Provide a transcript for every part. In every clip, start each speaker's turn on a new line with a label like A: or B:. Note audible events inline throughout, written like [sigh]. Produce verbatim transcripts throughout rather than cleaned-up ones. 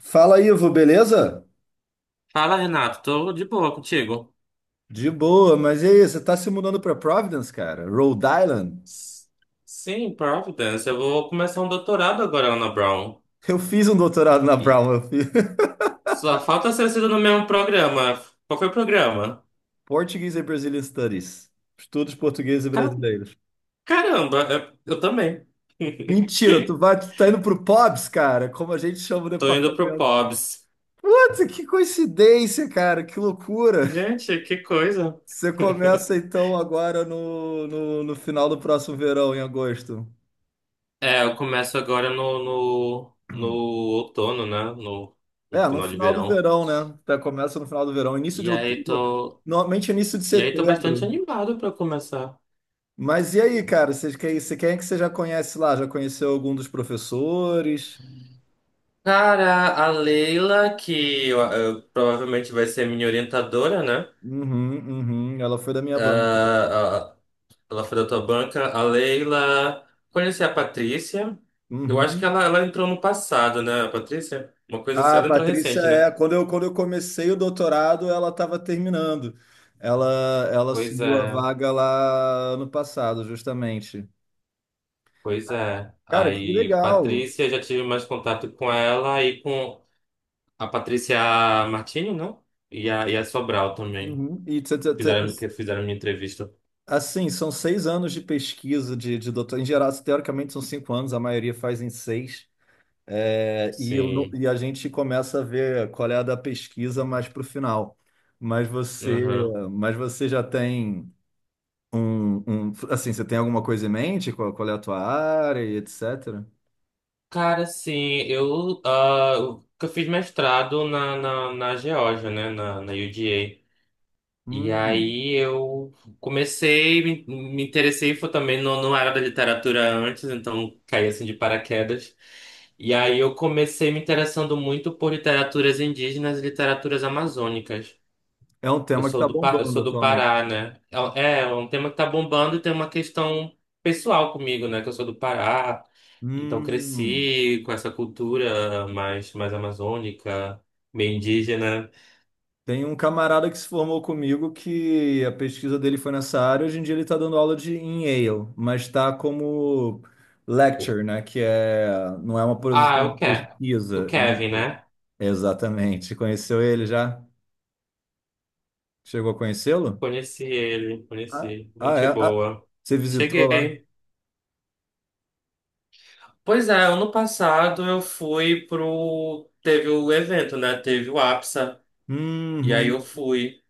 A: Fala, Ivo, beleza?
B: Fala, Renato, tô de boa contigo.
A: De boa, mas e aí, você tá se mudando pra Providence, cara? Rhode Island?
B: S- Sim, Providence, eu vou começar um doutorado agora lá na Brown.
A: Eu fiz um doutorado na
B: E
A: Brown, eu fiz [laughs]
B: só falta ser sido no mesmo programa. Qual foi o programa?
A: Portuguese and Brazilian Studies. Estudos portugueses e
B: Ca-
A: brasileiros.
B: Caramba, eu, eu também.
A: Mentira, tu
B: [laughs]
A: vai, tu tá indo pro POBs, cara, como a gente chama o
B: Tô indo pro
A: departamento.
B: Pobs.
A: Puta, que coincidência, cara, que loucura.
B: Gente, que coisa.
A: Você começa então agora no, no, no final do próximo verão, em agosto.
B: É, eu começo agora no, no, no outono, né? No, no
A: É, no
B: final de
A: final do
B: verão.
A: verão, né? Tá, começa no final do verão, início de
B: E aí
A: outubro,
B: tô,
A: normalmente início de
B: e aí tô bastante
A: setembro.
B: animado pra começar.
A: Mas e aí, cara? Você, quem, você- quem é que você já conhece lá? Já conheceu algum dos professores?
B: Cara, a Leila, que eu- eu- provavelmente vai ser minha orientadora, né?
A: Uhum, uhum. Ela foi da minha banca.
B: Ah, ah, ela foi da tua banca. A Leila, conheci a Patrícia. Eu acho que
A: Uhum.
B: ela, ela entrou no passado, né, a Patrícia? Uma coisa assim,
A: Ah, a
B: ela entrou
A: Patrícia
B: recente,
A: é.
B: né?
A: Quando eu, quando eu comecei o doutorado, ela estava terminando. Ela, ela
B: Pois
A: assumiu a
B: é,
A: vaga lá no passado, justamente.
B: pois é.
A: Cara, que
B: Aí,
A: legal.
B: Patrícia, já tive mais contato com ela e com a Patrícia Martini, não? E a, e a Sobral também.
A: Uhum. E tê, tê, tê,
B: Fizeram, que fizeram minha entrevista.
A: Assim, são seis anos de pesquisa de, de doutor. Em geral, teoricamente são cinco anos, a maioria faz em seis. É, e, eu não-
B: Sim.
A: e a gente começa a ver qual é a da pesquisa mais para o final. Mas você,
B: Aham.
A: mas você já tem um, um- Assim, você tem alguma coisa em mente? Qual, qual é a tua área e etc?
B: Cara, sim, eu, ah, eu eu fiz mestrado na, na, na Geórgia, né, na, na U G A. E
A: Hum,
B: aí eu comecei, me, me interessei, foi também, não, não era da literatura antes, então caí assim de paraquedas. E aí eu comecei me interessando muito por literaturas indígenas e literaturas amazônicas.
A: É um
B: Eu
A: tema que
B: sou
A: está
B: do, Pa- eu
A: bombando
B: sou do
A: atualmente.
B: Pará, né? É, é é um tema que tá bombando e tem uma questão pessoal comigo, né, que eu sou do Pará. Então
A: Hum.
B: cresci com essa cultura mais, mais amazônica, meio indígena.
A: Tem um camarada que se formou comigo que a pesquisa dele foi nessa área. Hoje em dia ele está dando aula de em Yale, mas está como lecture, né? Que é não é uma posição
B: Ah, o,
A: de
B: Ke o
A: pesquisa, é uma...
B: Kevin,
A: po-
B: né?
A: Exatamente. Conheceu ele já? Chegou a conhecê-lo?
B: Conheci ele,
A: Ah,
B: conheci.
A: ah, é.
B: Gente
A: Ah,
B: boa.
A: você visitou lá?
B: Cheguei. Pois é, ano passado eu fui pro. Teve o evento, né? Teve o A P S A. E aí eu
A: Uhum.
B: fui.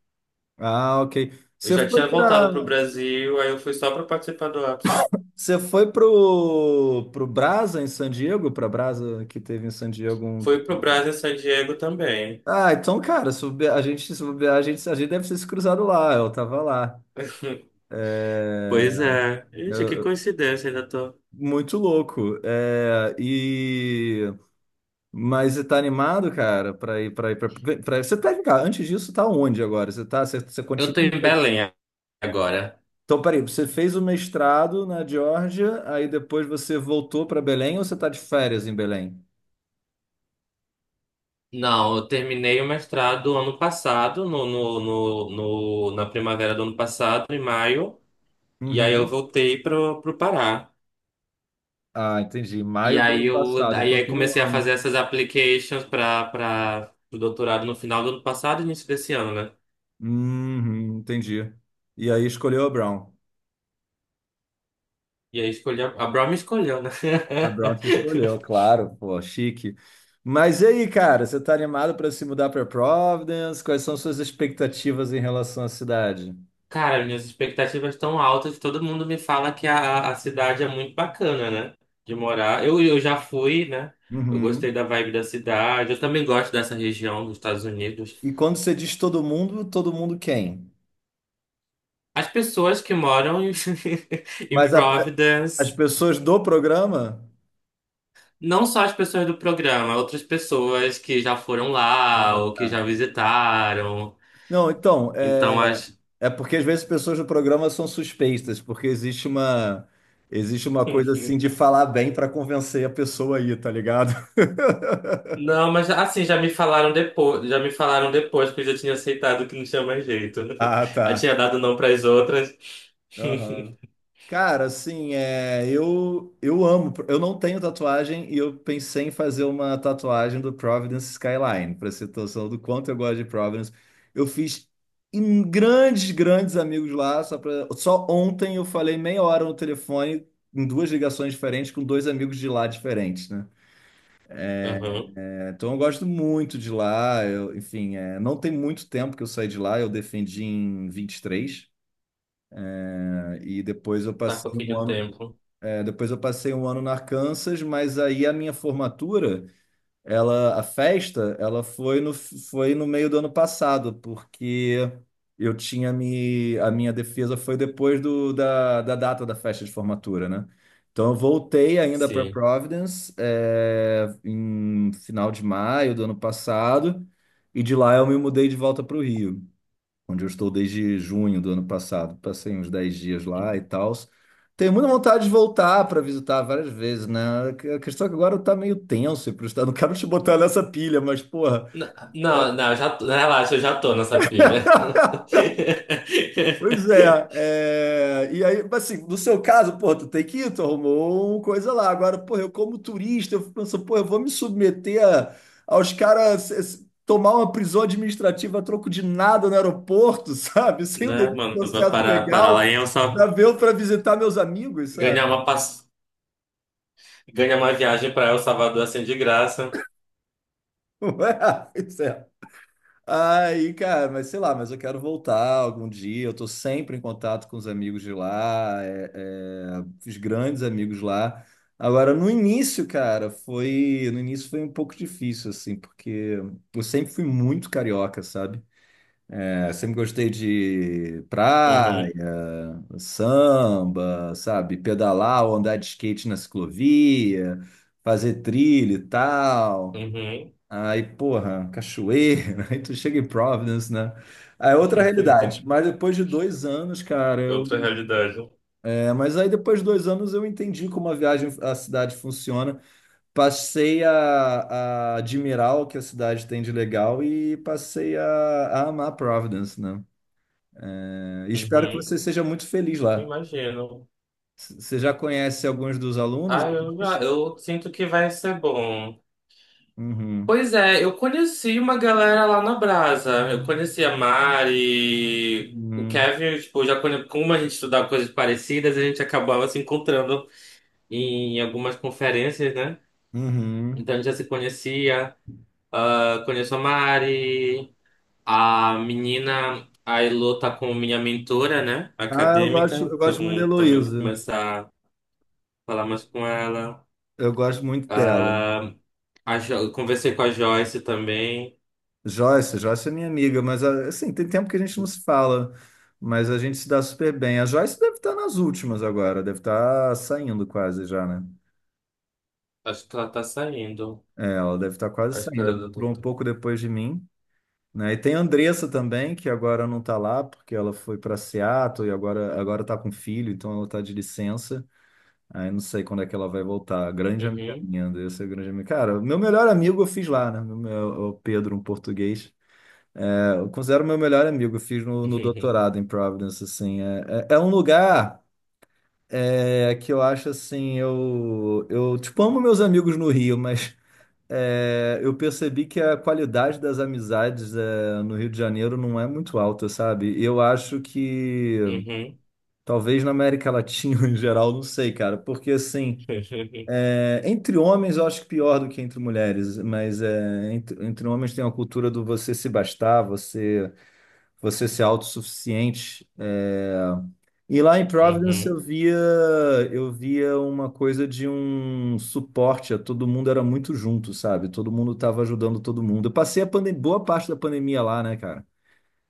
A: Ah, ok.
B: Eu
A: Você
B: já
A: foi
B: tinha voltado pro
A: para
B: Brasil, aí eu fui só pra participar do A P S A.
A: Você foi pro pro Brasa em San Diego, para Brasa que teve em San Diego um
B: Fui pro Brasil em San Diego também.
A: Ah, então, cara, se bobear, a gente, se bobear, a gente, a gente deve ter se cruzado lá, eu tava lá.
B: [laughs]
A: É,
B: Pois é. Gente, que
A: eu-
B: coincidência, ainda tô.
A: muito louco. É, e, mas você tá animado, cara, pra ir, pra ir, pra, pra- Você tá, cara, antes disso, tá onde agora? Você tá, você, você
B: Eu tô
A: continua.
B: em Belém agora?
A: Então, peraí, você fez o mestrado na Geórgia, aí depois você voltou pra Belém ou você tá de férias em Belém?
B: Não, eu terminei o mestrado ano passado, no, no, no, no- na primavera do ano passado, em maio, e aí eu
A: Uhum.
B: voltei pro, pro Pará.
A: Ah, entendi.
B: E
A: Maio do ano
B: aí eu
A: passado,
B: aí,
A: então
B: aí
A: tem um
B: comecei a
A: ano.
B: fazer essas applications para para o doutorado no final do ano passado e início desse ano, né?
A: Uhum, entendi. E aí escolheu a Brown.
B: E aí escolhi a, a Brown me escolheu, né?
A: A Brown te
B: [laughs]
A: escolheu, claro, pô, chique. Mas e aí, cara, você tá animado para se mudar para Providence? Quais são suas expectativas em relação à cidade?
B: Cara, minhas expectativas estão altas. Todo mundo me fala que a, a cidade é muito bacana, né? De morar. Eu, eu já fui, né? Eu gostei
A: Uhum.
B: da vibe da cidade. Eu também gosto dessa região dos Estados Unidos.
A: E quando você diz todo mundo, todo mundo quem?
B: As pessoas que moram em, [laughs] em
A: Mas a- As
B: Providence,
A: pessoas do programa?
B: não só as pessoas do programa, outras pessoas que já foram lá ou que já
A: Ah.
B: visitaram.
A: Não, então,
B: Então,
A: é,
B: acho.
A: é porque às vezes pessoas do programa são suspeitas, porque existe uma existe uma coisa assim de
B: [laughs]
A: falar bem para convencer a pessoa aí, tá ligado? [laughs]
B: Não, mas assim, já me falaram depois, já me falaram depois que eu já tinha aceitado que não tinha mais jeito.
A: Ah,
B: [laughs] Eu
A: tá.
B: tinha dado não para as outras. [laughs]
A: Cara, assim, é, eu, eu amo. Eu não tenho tatuagem e eu pensei em fazer uma tatuagem do Providence Skyline, pra você ter noção do quanto eu gosto de Providence. Eu fiz em grandes, grandes amigos lá. Só, pra- só ontem eu falei meia hora no telefone, em duas ligações diferentes, com dois amigos de lá diferentes, né?
B: Uhum.
A: É, então eu gosto muito de lá. Eu- enfim, é, não tem muito tempo que eu saí de lá, eu defendi em vinte e três, né? E depois eu
B: Tá com
A: passei um
B: aquele
A: ano.
B: tempo.
A: É, depois eu passei um ano no Arkansas, mas aí a minha formatura, ela, a festa, ela foi no, foi no meio do ano passado, porque eu tinha me, a minha defesa foi depois do, da, da data da festa de formatura, né? Então eu voltei ainda para
B: Sim.
A: Providence, é, em final de maio do ano passado, e de lá eu me mudei de volta para o Rio onde eu estou desde junho do ano passado. Passei uns dez dias lá e
B: Uhum.
A: tal. Tenho muita vontade de voltar para visitar várias vezes, né? A questão é que agora eu tá meio tenso e pro estado. Não quero te botar nessa pilha, mas porra.
B: N- Não, não, eu já tô, relaxa, eu já tô nessa pilha. [laughs]
A: [laughs] Pois é, é, e aí, mas assim, no seu caso, pô, tu tem que ir, tu arrumou uma coisa lá. Agora, pô, eu como turista, eu penso, pô, eu vou me submeter a- aos caras eh, s- tomar uma prisão administrativa a troco de nada no aeroporto, [laughs] sabe? Sem um
B: Né,
A: devido
B: mano? Vai
A: processo
B: parar, parar lá
A: legal,
B: em El
A: para
B: Salvador.
A: ver, para visitar meus amigos, sabe?
B: Ganhar uma, pass... ganhar uma viagem pra El Salvador assim de graça.
A: [laughs] Ué, isso é. Aí, cara, mas sei lá, mas eu quero voltar algum dia. Eu tô sempre em contato com os amigos de lá, é- é, os grandes amigos lá. Agora, no início, cara, foi, no início foi um pouco difícil, assim, porque eu sempre fui muito carioca, sabe? É, sempre gostei de praia,
B: Uhum,
A: samba, sabe? Pedalar ou andar de skate na ciclovia, fazer trilha e tal.
B: uhum.
A: Aí, porra, cachoeira, [laughs] aí tu chega em Providence, né? Aí é outra realidade.
B: [laughs]
A: Mas depois de dois anos, cara, eu.
B: Outra realidade.
A: é, mas aí depois de dois anos eu entendi como a viagem, a cidade funciona. Passei a, a admirar o que a cidade tem de legal e passei a, a amar Providence, né? É, e espero que
B: Uhum.
A: você seja muito feliz
B: Eu
A: lá.
B: imagino.
A: C- Você já conhece alguns dos alunos?
B: Ah, eu,
A: Atuais?
B: ah, eu sinto que vai ser bom.
A: Uhum.
B: Pois é, eu conheci uma galera lá na Brasa. Eu conheci a Mari, o
A: Uhum.
B: Kevin, tipo, já conhe... como a gente estudava coisas parecidas, a gente acabava se encontrando em algumas conferências, né?
A: Uhum.
B: Então a gente já se conhecia. Ah, conheço a Mari, a menina, a Elô tá com minha mentora, né?
A: Ah, eu
B: Acadêmica,
A: gosto, eu
B: então
A: gosto muito da
B: também vou
A: Heloísa.
B: começar a falar mais com ela.
A: Eu gosto muito dela.
B: Ah, a Jo- eu conversei com a Joyce também.
A: Joyce, Joyce é minha amiga, mas ah, assim, tem tempo que a gente não se fala, mas a gente se dá super bem. A Joyce deve estar nas últimas agora, deve estar saindo quase já, né?
B: Acho que ela tá saindo.
A: É, ela deve estar quase
B: Acho que
A: saindo, ela
B: ela tá.
A: entrou um
B: tá-
A: pouco depois de mim, né? E tem a Andressa também, que agora não está lá, porque ela foi para Seattle e agora agora tá com filho, então ela está de licença. Aí não sei quando é que ela vai voltar. Grande amiga
B: Uhum.
A: minha, Andressa é grande amiga. Cara, meu melhor amigo eu fiz lá, né? Meu- O Pedro, um português. Eu considero meu melhor amigo, eu fiz no, no doutorado
B: [laughs]
A: em Providence, assim, é, é, é um lugar é, que eu acho, assim, eu, eu, tipo, amo meus amigos no Rio, mas é, eu percebi que a qualidade das amizades é, no Rio de Janeiro não é muito alta, sabe? E eu acho que,
B: Uhum.
A: talvez na América Latina [laughs] em geral, não sei, cara, porque, assim,
B: [laughs]
A: é, entre homens eu acho que pior do que entre mulheres, mas é, entre, entre homens tem uma cultura do você se bastar, você você ser autossuficiente. É, e lá em Providence
B: Uhum.
A: eu via, eu via uma coisa de um suporte, a todo mundo era muito junto, sabe? Todo mundo estava ajudando todo mundo. Eu passei a pandem- boa parte da pandemia lá, né, cara?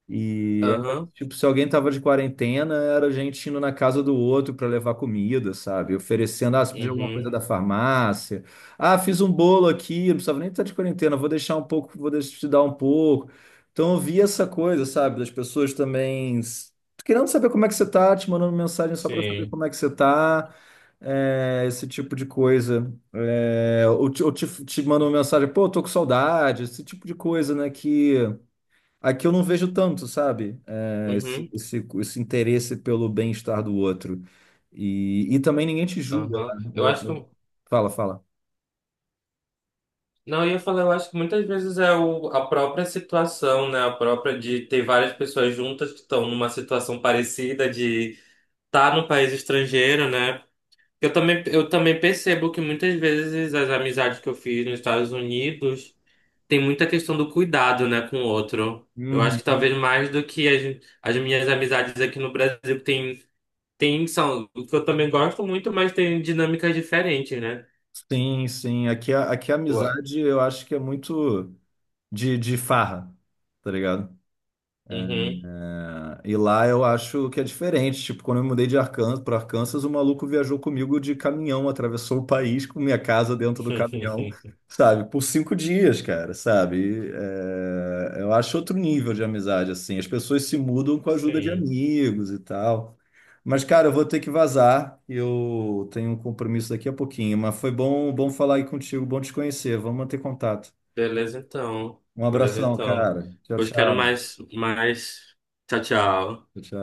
A: E era,
B: Aham.
A: tipo, se alguém tava de quarentena, era a gente indo na casa do outro para levar comida, sabe? Oferecendo, ah, você pediu alguma coisa
B: Uhum.
A: da farmácia. Ah, fiz um bolo aqui, não precisava nem estar de quarentena, vou deixar um pouco, vou deixar te dar um pouco. Então eu vi essa coisa, sabe? Das pessoas também s- querendo saber como é que você tá, te mandando mensagem só para saber
B: Sim.
A: como é que você tá, é, esse tipo de coisa. É, ou te, ou te, te mandando mensagem, pô, tô com saudade, esse tipo de coisa, né? Que aqui eu não vejo tanto, sabe? É, esse,
B: Uhum.
A: esse, esse interesse pelo bem-estar do outro. E, e também ninguém te julga
B: Aham.
A: lá.
B: Eu
A: Eu-
B: acho
A: eu-
B: que.
A: Fala, fala.
B: Não, eu ia falar, eu acho que muitas vezes é o, a própria situação, né? A própria de ter várias pessoas juntas que estão numa situação parecida de estar tá no país estrangeiro, né? Eu também, eu também percebo que muitas vezes as amizades que eu fiz nos Estados Unidos. Tem muita questão do cuidado, né, com o outro. Eu acho que
A: Uhum.
B: talvez mais do que as, as minhas amizades aqui no Brasil tem, tem são, o que eu também gosto muito, mas tem dinâmicas diferentes, né?
A: Sim, sim. Aqui, a- aqui a
B: Ué.
A: amizade eu acho que é muito de, de farra, tá ligado?
B: Uhum.
A: É, e lá eu acho que é diferente. Tipo, quando eu me mudei de Arkansas para Arkansas, o maluco viajou comigo de caminhão, atravessou o país com minha casa dentro do caminhão,
B: [laughs]
A: sabe? Por cinco dias, cara, sabe? É, eu acho outro nível de amizade, assim. As pessoas se mudam com a ajuda de
B: Sim.
A: amigos e tal. Mas, cara, eu vou ter que vazar. Eu tenho um compromisso daqui a pouquinho. Mas foi bom, bom falar aí contigo, bom te conhecer. Vamos manter contato.
B: Beleza então.
A: Um
B: Beleza
A: abração,
B: então.
A: cara. Tchau,
B: Pois quero
A: tchau.
B: mais, mais. Tchau, tchau.
A: Tchau, tchau.